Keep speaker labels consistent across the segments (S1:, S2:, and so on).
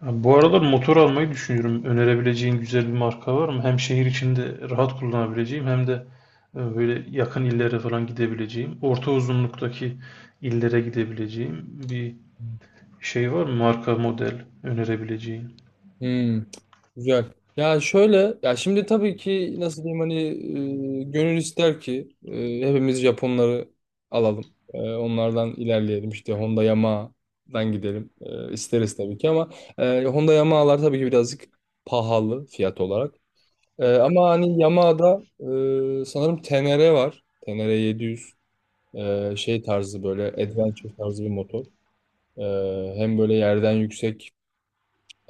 S1: Abi, bu aralar motor almayı düşünüyorum. Önerebileceğin güzel bir marka var mı? Hem şehir içinde rahat kullanabileceğim hem de böyle yakın illere falan gidebileceğim. Orta uzunluktaki illere gidebileceğim bir şey var mı? Marka model önerebileceğin.
S2: Hmm, güzel. Ya şöyle, ya şimdi tabii ki nasıl diyeyim hani gönül ister ki hepimiz Japonları alalım. Onlardan ilerleyelim işte Honda Yamaha'dan gidelim. E, isteriz tabii ki ama Honda Yamaha'lar tabii ki birazcık pahalı fiyat olarak. Ama hani Yamaha'da sanırım TNR var. TNR 700 şey tarzı böyle adventure tarzı bir motor. E, hem böyle yerden yüksek.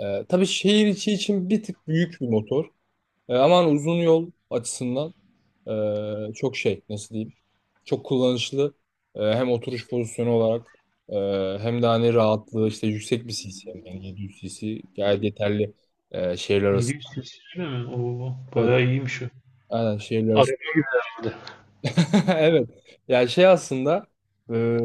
S2: Tabii şehir içi için bir tık büyük bir motor. Ama hani uzun yol açısından çok şey nasıl diyeyim çok kullanışlı. Hem oturuş pozisyonu olarak hem de hani rahatlığı işte yüksek bir cc yani 700 cc gayet yeterli şehirler arası.
S1: 700 cc mi? Oo,
S2: Evet,
S1: bayağı iyiymiş o.
S2: aynen şehirler arası.
S1: Araba gibi herhalde.
S2: Evet. Yani şey aslında e,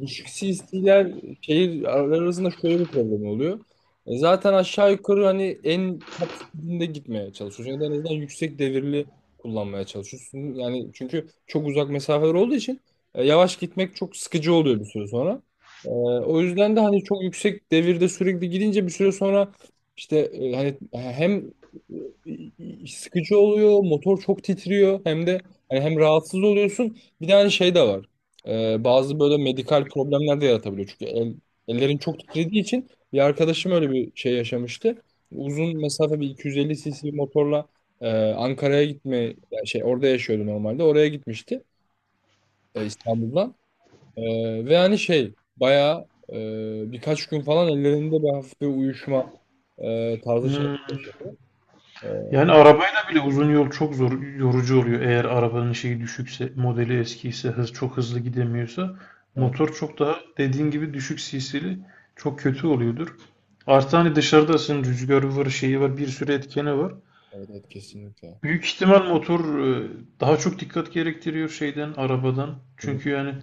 S2: düşük CS'ler şehir arasında şöyle bir problem oluyor. Zaten aşağı yukarı hani en taksitinde gitmeye çalışıyorsun ya da en azından yüksek devirli kullanmaya çalışıyorsun. Yani çünkü çok uzak mesafeler olduğu için yavaş gitmek çok sıkıcı oluyor bir süre sonra. E, o yüzden de hani çok yüksek devirde sürekli gidince bir süre sonra işte hani hem sıkıcı oluyor, motor çok titriyor hem de yani hem rahatsız oluyorsun bir de hani şey de var. Bazı böyle medikal problemler de yaratabiliyor. Çünkü ellerin çok titrediği için bir arkadaşım öyle bir şey yaşamıştı. Uzun mesafe bir 250 cc motorla Ankara'ya gitme yani şey orada yaşıyordu normalde. Oraya gitmişti İstanbul'dan. Ve hani şey bayağı birkaç gün falan ellerinde bir hafif bir uyuşma tarzı şey.
S1: Hmm.
S2: Evet,
S1: Yani arabayla bile uzun yol çok zor, yorucu oluyor. Eğer arabanın şeyi düşükse, modeli eskiyse, hız çok hızlı gidemiyorsa,
S2: evet,
S1: motor çok daha dediğin gibi düşük cc'li çok kötü oluyordur. Artı hani dışarıdasın, rüzgarı var, şeyi var, bir sürü etkeni var.
S2: evet, kesinlikle.
S1: Büyük ihtimal motor e, daha çok dikkat gerektiriyor şeyden, arabadan.
S2: Evet,
S1: Çünkü yani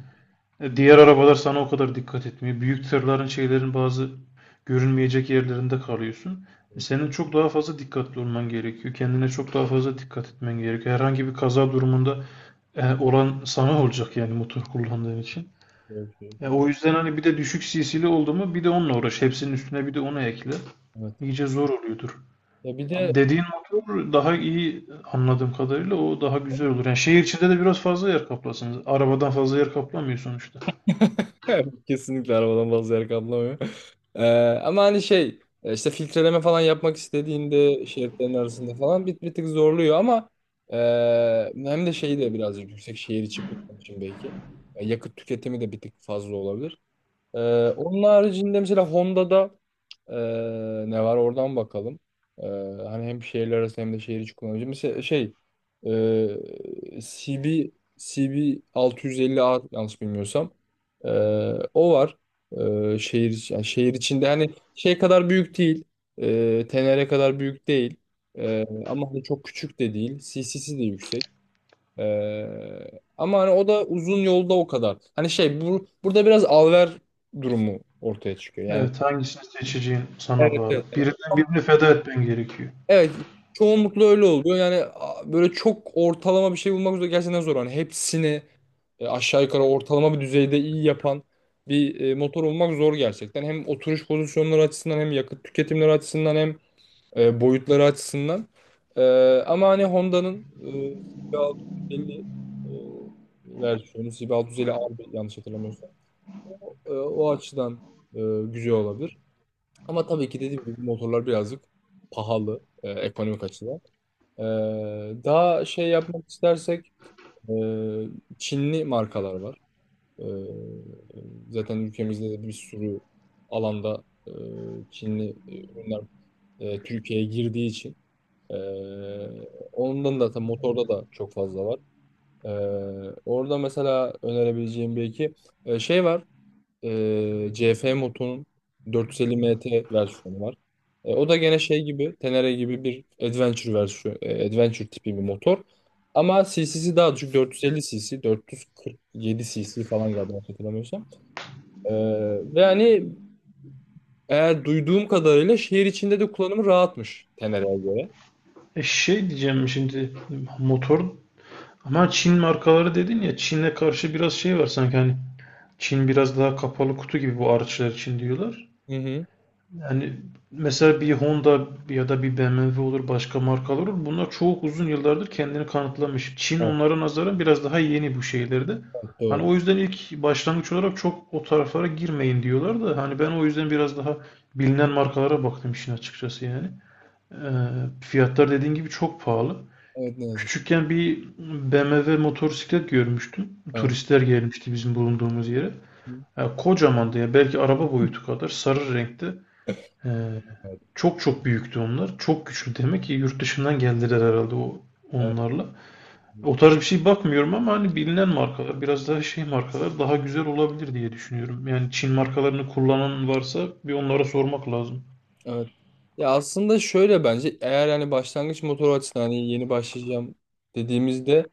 S1: diğer arabalar sana o kadar dikkat etmiyor. Büyük tırların şeylerin bazı görünmeyecek yerlerinde kalıyorsun.
S2: kesinlikle.
S1: Senin çok daha fazla dikkatli olman gerekiyor. Kendine çok daha fazla dikkat etmen gerekiyor. Herhangi bir kaza durumunda olan sana olacak yani motor kullandığın için.
S2: Evet,
S1: Ya
S2: evet.
S1: o yüzden hani bir de düşük CC'li oldu mu bir de onunla uğraş. Hepsinin üstüne bir de onu ekle.
S2: Evet.
S1: İyice zor oluyordur.
S2: Ya bir de
S1: Ama dediğin motor daha iyi anladığım kadarıyla, o daha güzel olur. Yani şehir içinde de biraz fazla yer kaplasınız. Arabadan fazla yer kaplamıyor sonuçta.
S2: evet, kesinlikle arabadan bazı yer kaplamıyor. Ee, ama hani şey işte filtreleme falan yapmak istediğinde şeritlerin arasında falan bir tık zorluyor ama e, hem de şeyi de birazcık yüksek şehir içi kullanım için belki. Yakıt tüketimi de bir tık fazla olabilir. E, onun haricinde mesela Honda'da ee, ne var oradan bakalım. Ee, hani hem şehirler arası hem de şehir içi kullanıcı. Mesela şey e, CB CB 650R yanlış bilmiyorsam. Ee, o var. Yani şehir içinde hani şey kadar büyük değil. Tenere kadar büyük değil. Ama hani çok küçük de değil. CC'si de yüksek. Ama hani o da uzun yolda o kadar. Hani şey burada biraz alver durumu ortaya çıkıyor. Yani
S1: Evet, hangisini seçeceğin sana
S2: evet,
S1: bağlı.
S2: evet.
S1: Birinden birini feda etmen gerekiyor.
S2: Evet, çoğunlukla öyle oluyor. Yani böyle çok ortalama bir şey bulmak üzere gerçekten zor. Hani hepsini aşağı yukarı ortalama bir düzeyde iyi yapan bir motor olmak zor gerçekten. Hem oturuş pozisyonları açısından hem yakıt tüketimleri açısından hem boyutları açısından. E, ama hani Honda'nın CB650 e, versiyonu CB650 R yanlış hatırlamıyorsam o açıdan e, güzel olabilir. Ama tabii ki dediğim gibi motorlar birazcık pahalı ekonomik açıdan. Ee, daha şey yapmak istersek e, Çinli markalar var. Ee, zaten ülkemizde de bir sürü alanda Çinli ürünler Türkiye'ye girdiği için e, ondan da tabii motorda da çok fazla var. Ee, orada mesela önerebileceğim bir iki şey var. CF Moto'nun 450 MT versiyonu var. O da gene şey gibi, Tenere gibi bir adventure versiyon, adventure tipi bir motor. Ama cc'si daha düşük 450 cc, 447 cc falan galiba yanlış hatırlamıyorsam. Ee, ve hani eğer duyduğum kadarıyla şehir içinde de kullanımı rahatmış Tenere'ye göre.
S1: E şey diyeceğim şimdi, motor, ama Çin markaları dedin ya, Çin'e karşı biraz şey var sanki hani, Çin biraz daha kapalı kutu gibi bu araçlar için, diyorlar.
S2: Hı hı.
S1: Yani mesela bir Honda ya da bir BMW olur, başka markalar olur. Bunlar çok uzun yıllardır kendini kanıtlamış. Çin
S2: Evet,
S1: onlara nazaran biraz daha yeni bu şeylerde. Hani
S2: doğru.
S1: o yüzden ilk başlangıç olarak çok o taraflara girmeyin diyorlar da hani ben o yüzden biraz daha bilinen markalara baktım işin açıkçası yani. Ee, Fiyatlar dediğin gibi çok pahalı.
S2: Evet, ne yazık.
S1: Küçükken bir BMW motosiklet görmüştüm.
S2: Evet.
S1: Turistler gelmişti bizim bulunduğumuz yere.
S2: Hı.
S1: Ya kocamandı ya, belki araba boyutu kadar, sarı renkte. Ee,
S2: Evet.
S1: Çok çok büyüktü onlar. Çok güçlü demek ki, yurt dışından geldiler herhalde o onlarla. O tarz bir şey bakmıyorum ama hani bilinen markalar biraz daha şey markalar daha güzel olabilir diye düşünüyorum. Yani Çin markalarını kullanan varsa bir onlara sormak lazım.
S2: Evet. Ya aslında şöyle bence eğer yani başlangıç motoru açısından hani yeni başlayacağım dediğimizde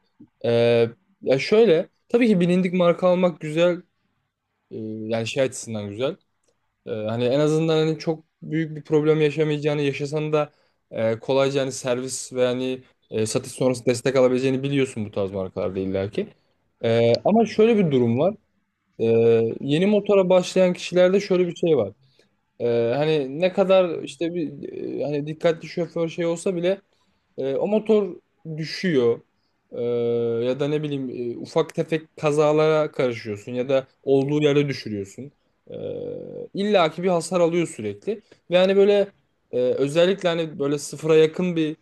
S2: eee, ya şöyle tabii ki bilindik marka almak güzel. Eee, yani şey açısından güzel. Hani en azından hani çok büyük bir problem yaşamayacağını yaşasan da kolayca hani servis ve hani satış sonrası destek alabileceğini biliyorsun bu tarz markalarda illaki. Ama şöyle bir durum var. Yeni motora başlayan kişilerde şöyle bir şey var. Hani ne kadar işte bir hani dikkatli şoför şey olsa bile o motor düşüyor. Ee, ya da ne bileyim ufak tefek kazalara karışıyorsun ya da olduğu yere düşürüyorsun. Ee, illa ki bir hasar alıyor sürekli. Ve hani böyle özellikle hani böyle sıfıra yakın bir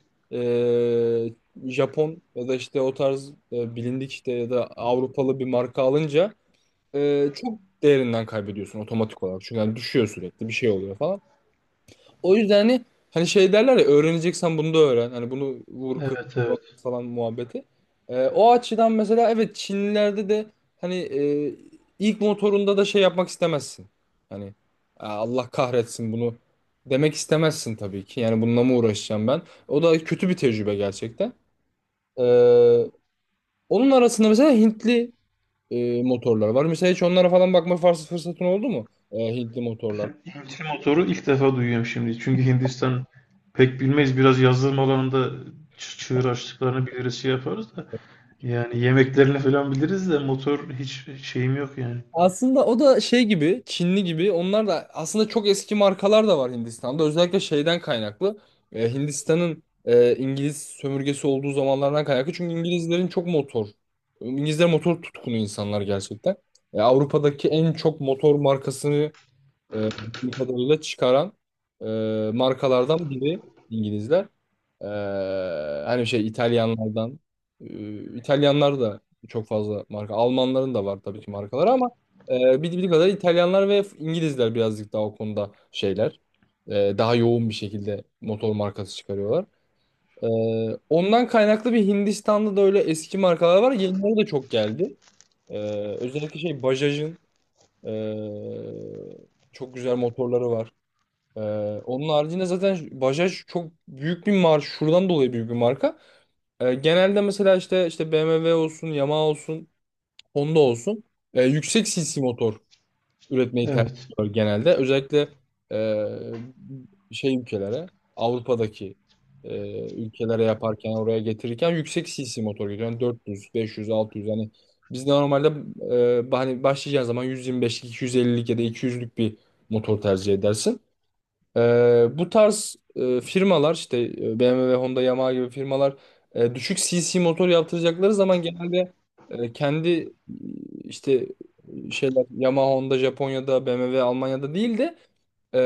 S2: e, Japon ya da işte o tarz bilindik işte ya da Avrupalı bir marka alınca çok değerinden kaybediyorsun otomatik olarak. Çünkü hani düşüyor sürekli bir şey oluyor falan. O yüzden hani şey derler ya, öğreneceksen bunu da öğren. Hani bunu vur kır
S1: Evet,
S2: yok
S1: evet.
S2: falan muhabbeti. O açıdan mesela evet, Çinlilerde de hani ilk motorunda da şey yapmak istemezsin. Hani "Aa, Allah kahretsin bunu" demek istemezsin tabii ki. Yani bununla mı uğraşacağım ben? O da kötü bir tecrübe gerçekten. Ee, onun arasında mesela Hintli motorlar var. Mesela hiç onlara falan bakma fırsatın oldu mu? Hintli motorlar.
S1: Ben Hintli motoru ilk defa duyuyorum şimdi. Çünkü Hindistan pek bilmeyiz. Biraz yazılım alanında çığır açtıklarını biliriz, şey yaparız da. Yani yemeklerini falan biliriz de motor hiç şeyim yok yani.
S2: Aslında o da şey gibi, Çinli gibi. Onlar da aslında çok eski markalar da var Hindistan'da. Özellikle şeyden kaynaklı. Hindistan'ın İngiliz sömürgesi olduğu zamanlardan kaynaklı. Çünkü İngilizlerin çok motor. İngilizler motor tutkunu insanlar gerçekten. Avrupa'daki en çok motor markasını bildiğim kadarıyla çıkaran markalardan biri İngilizler. E, hani şey İtalyanlardan İtalyanlar da çok fazla marka. Almanların da var tabii ki markaları ama bildiğim kadar İtalyanlar ve İngilizler birazcık daha o konuda şeyler. Daha yoğun bir şekilde motor markası çıkarıyorlar. E, ondan kaynaklı bir Hindistan'da da öyle eski markalar var. Yenileri de çok geldi. E, özellikle şey Bajaj'ın e, çok güzel motorları var. Ee, onun haricinde zaten Bajaj çok büyük bir marka. Şuradan dolayı büyük bir marka. Genelde mesela işte BMW olsun, Yamaha olsun, Honda olsun yüksek cc motor üretmeyi tercih
S1: Evet.
S2: ediyor genelde. Özellikle e, şey ülkelere, Avrupa'daki ülkelere yaparken, oraya getirirken yüksek cc motor getiriyor. Yani 400, 500, 600 hani biz normalde hani başlayacağın zaman 125'lik, 250'lik ya da 200'lük bir motor tercih edersin. Bu tarz firmalar işte BMW, Honda, Yamaha gibi firmalar düşük CC motor yaptıracakları zaman genelde kendi işte şeyler Yamaha, Honda Japonya'da, BMW Almanya'da değil de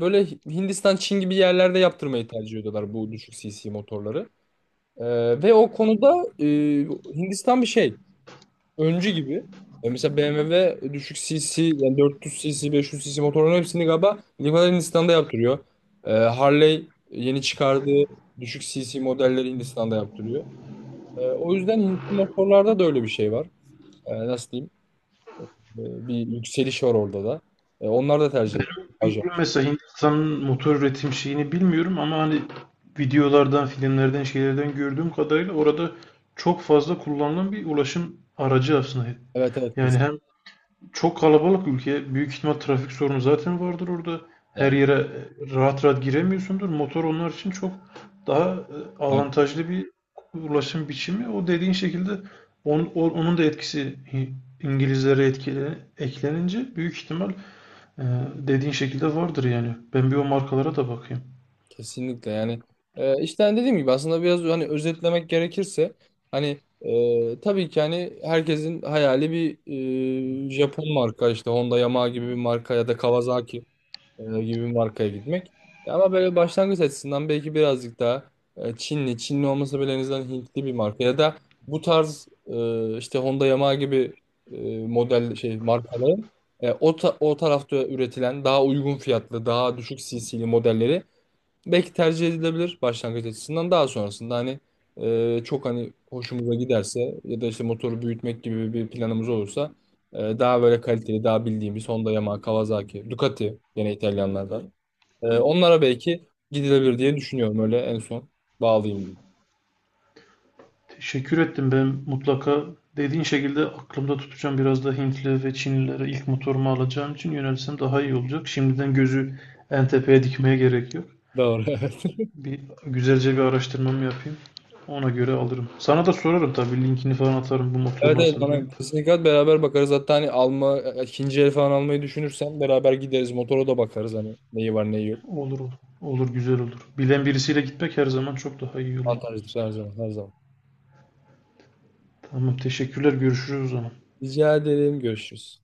S2: böyle Hindistan, Çin gibi yerlerde yaptırmayı tercih ediyorlar bu düşük CC motorları. E, ve o konuda Hindistan bir şey öncü gibi. Mesela BMW düşük cc yani 400 cc 500 cc motorların hepsini galiba Livalar Hindistan'da yaptırıyor. Harley yeni çıkardığı düşük cc modelleri Hindistan'da yaptırıyor. O yüzden Hintli motorlarda da öyle bir şey var. Nasıl diyeyim? Bir yükseliş var orada da. Onlar da tercih ediyor.
S1: Benim
S2: Pajot.
S1: bildiğim mesela, Hindistan'ın motor üretim şeyini bilmiyorum ama hani videolardan, filmlerden, şeylerden gördüğüm kadarıyla orada çok fazla kullanılan bir ulaşım aracı aslında.
S2: Evet, evet, kesin
S1: Yani hem çok kalabalık ülke, büyük ihtimal trafik sorunu zaten vardır orada. Her
S2: yani.
S1: yere rahat rahat giremiyorsundur. Motor onlar için çok daha avantajlı bir ulaşım biçimi. O dediğin şekilde onun da etkisi İngilizlere etkile, eklenince büyük ihtimal ee, dediğin şekilde vardır yani. Ben bir o markalara da bakayım.
S2: Kesinlikle yani işte hani dediğim gibi aslında biraz hani özetlemek gerekirse hani tabii ki hani herkesin hayali bir Japon marka işte Honda Yamaha gibi bir marka ya da Kawasaki gibi bir markaya gitmek. Ama böyle başlangıç açısından belki birazcık daha Çinli olmasa bile en azından Hintli bir marka ya da bu tarz işte Honda Yamaha gibi model şey markaların o tarafta üretilen daha uygun fiyatlı, daha düşük CC'li modelleri belki tercih edilebilir başlangıç açısından. Daha sonrasında hani çok hani hoşumuza giderse ya da işte motoru büyütmek gibi bir planımız olursa daha böyle kaliteli, daha bildiğimiz Honda, Yamaha, Kawasaki, Ducati gene İtalyanlardan. Onlara belki gidilebilir diye düşünüyorum, öyle en son bağlayayım, dedim.
S1: Teşekkür ettim. Ben mutlaka dediğin şekilde aklımda tutacağım. Biraz da Hintli ve Çinlilere ilk motorumu alacağım için yönelsem daha iyi olacak. Şimdiden gözü en tepeye dikmeye gerek yok.
S2: Doğru. Evet.
S1: Bir güzelce bir araştırmamı yapayım. Ona göre alırım. Sana da sorarım tabii, linkini falan atarım bu motor
S2: Evet, evet,
S1: nasıl diye.
S2: bana kesinlikle beraber bakarız. Hatta hani ikinci el falan almayı düşünürsen beraber gideriz. Motora da bakarız hani neyi var neyi yok.
S1: Olur, olur. Olur, güzel olur. Bilen birisiyle gitmek her zaman çok daha iyi oluyor.
S2: Avantajdır her zaman, her zaman.
S1: Tamam, teşekkürler. Görüşürüz o zaman.
S2: Rica ederim, görüşürüz.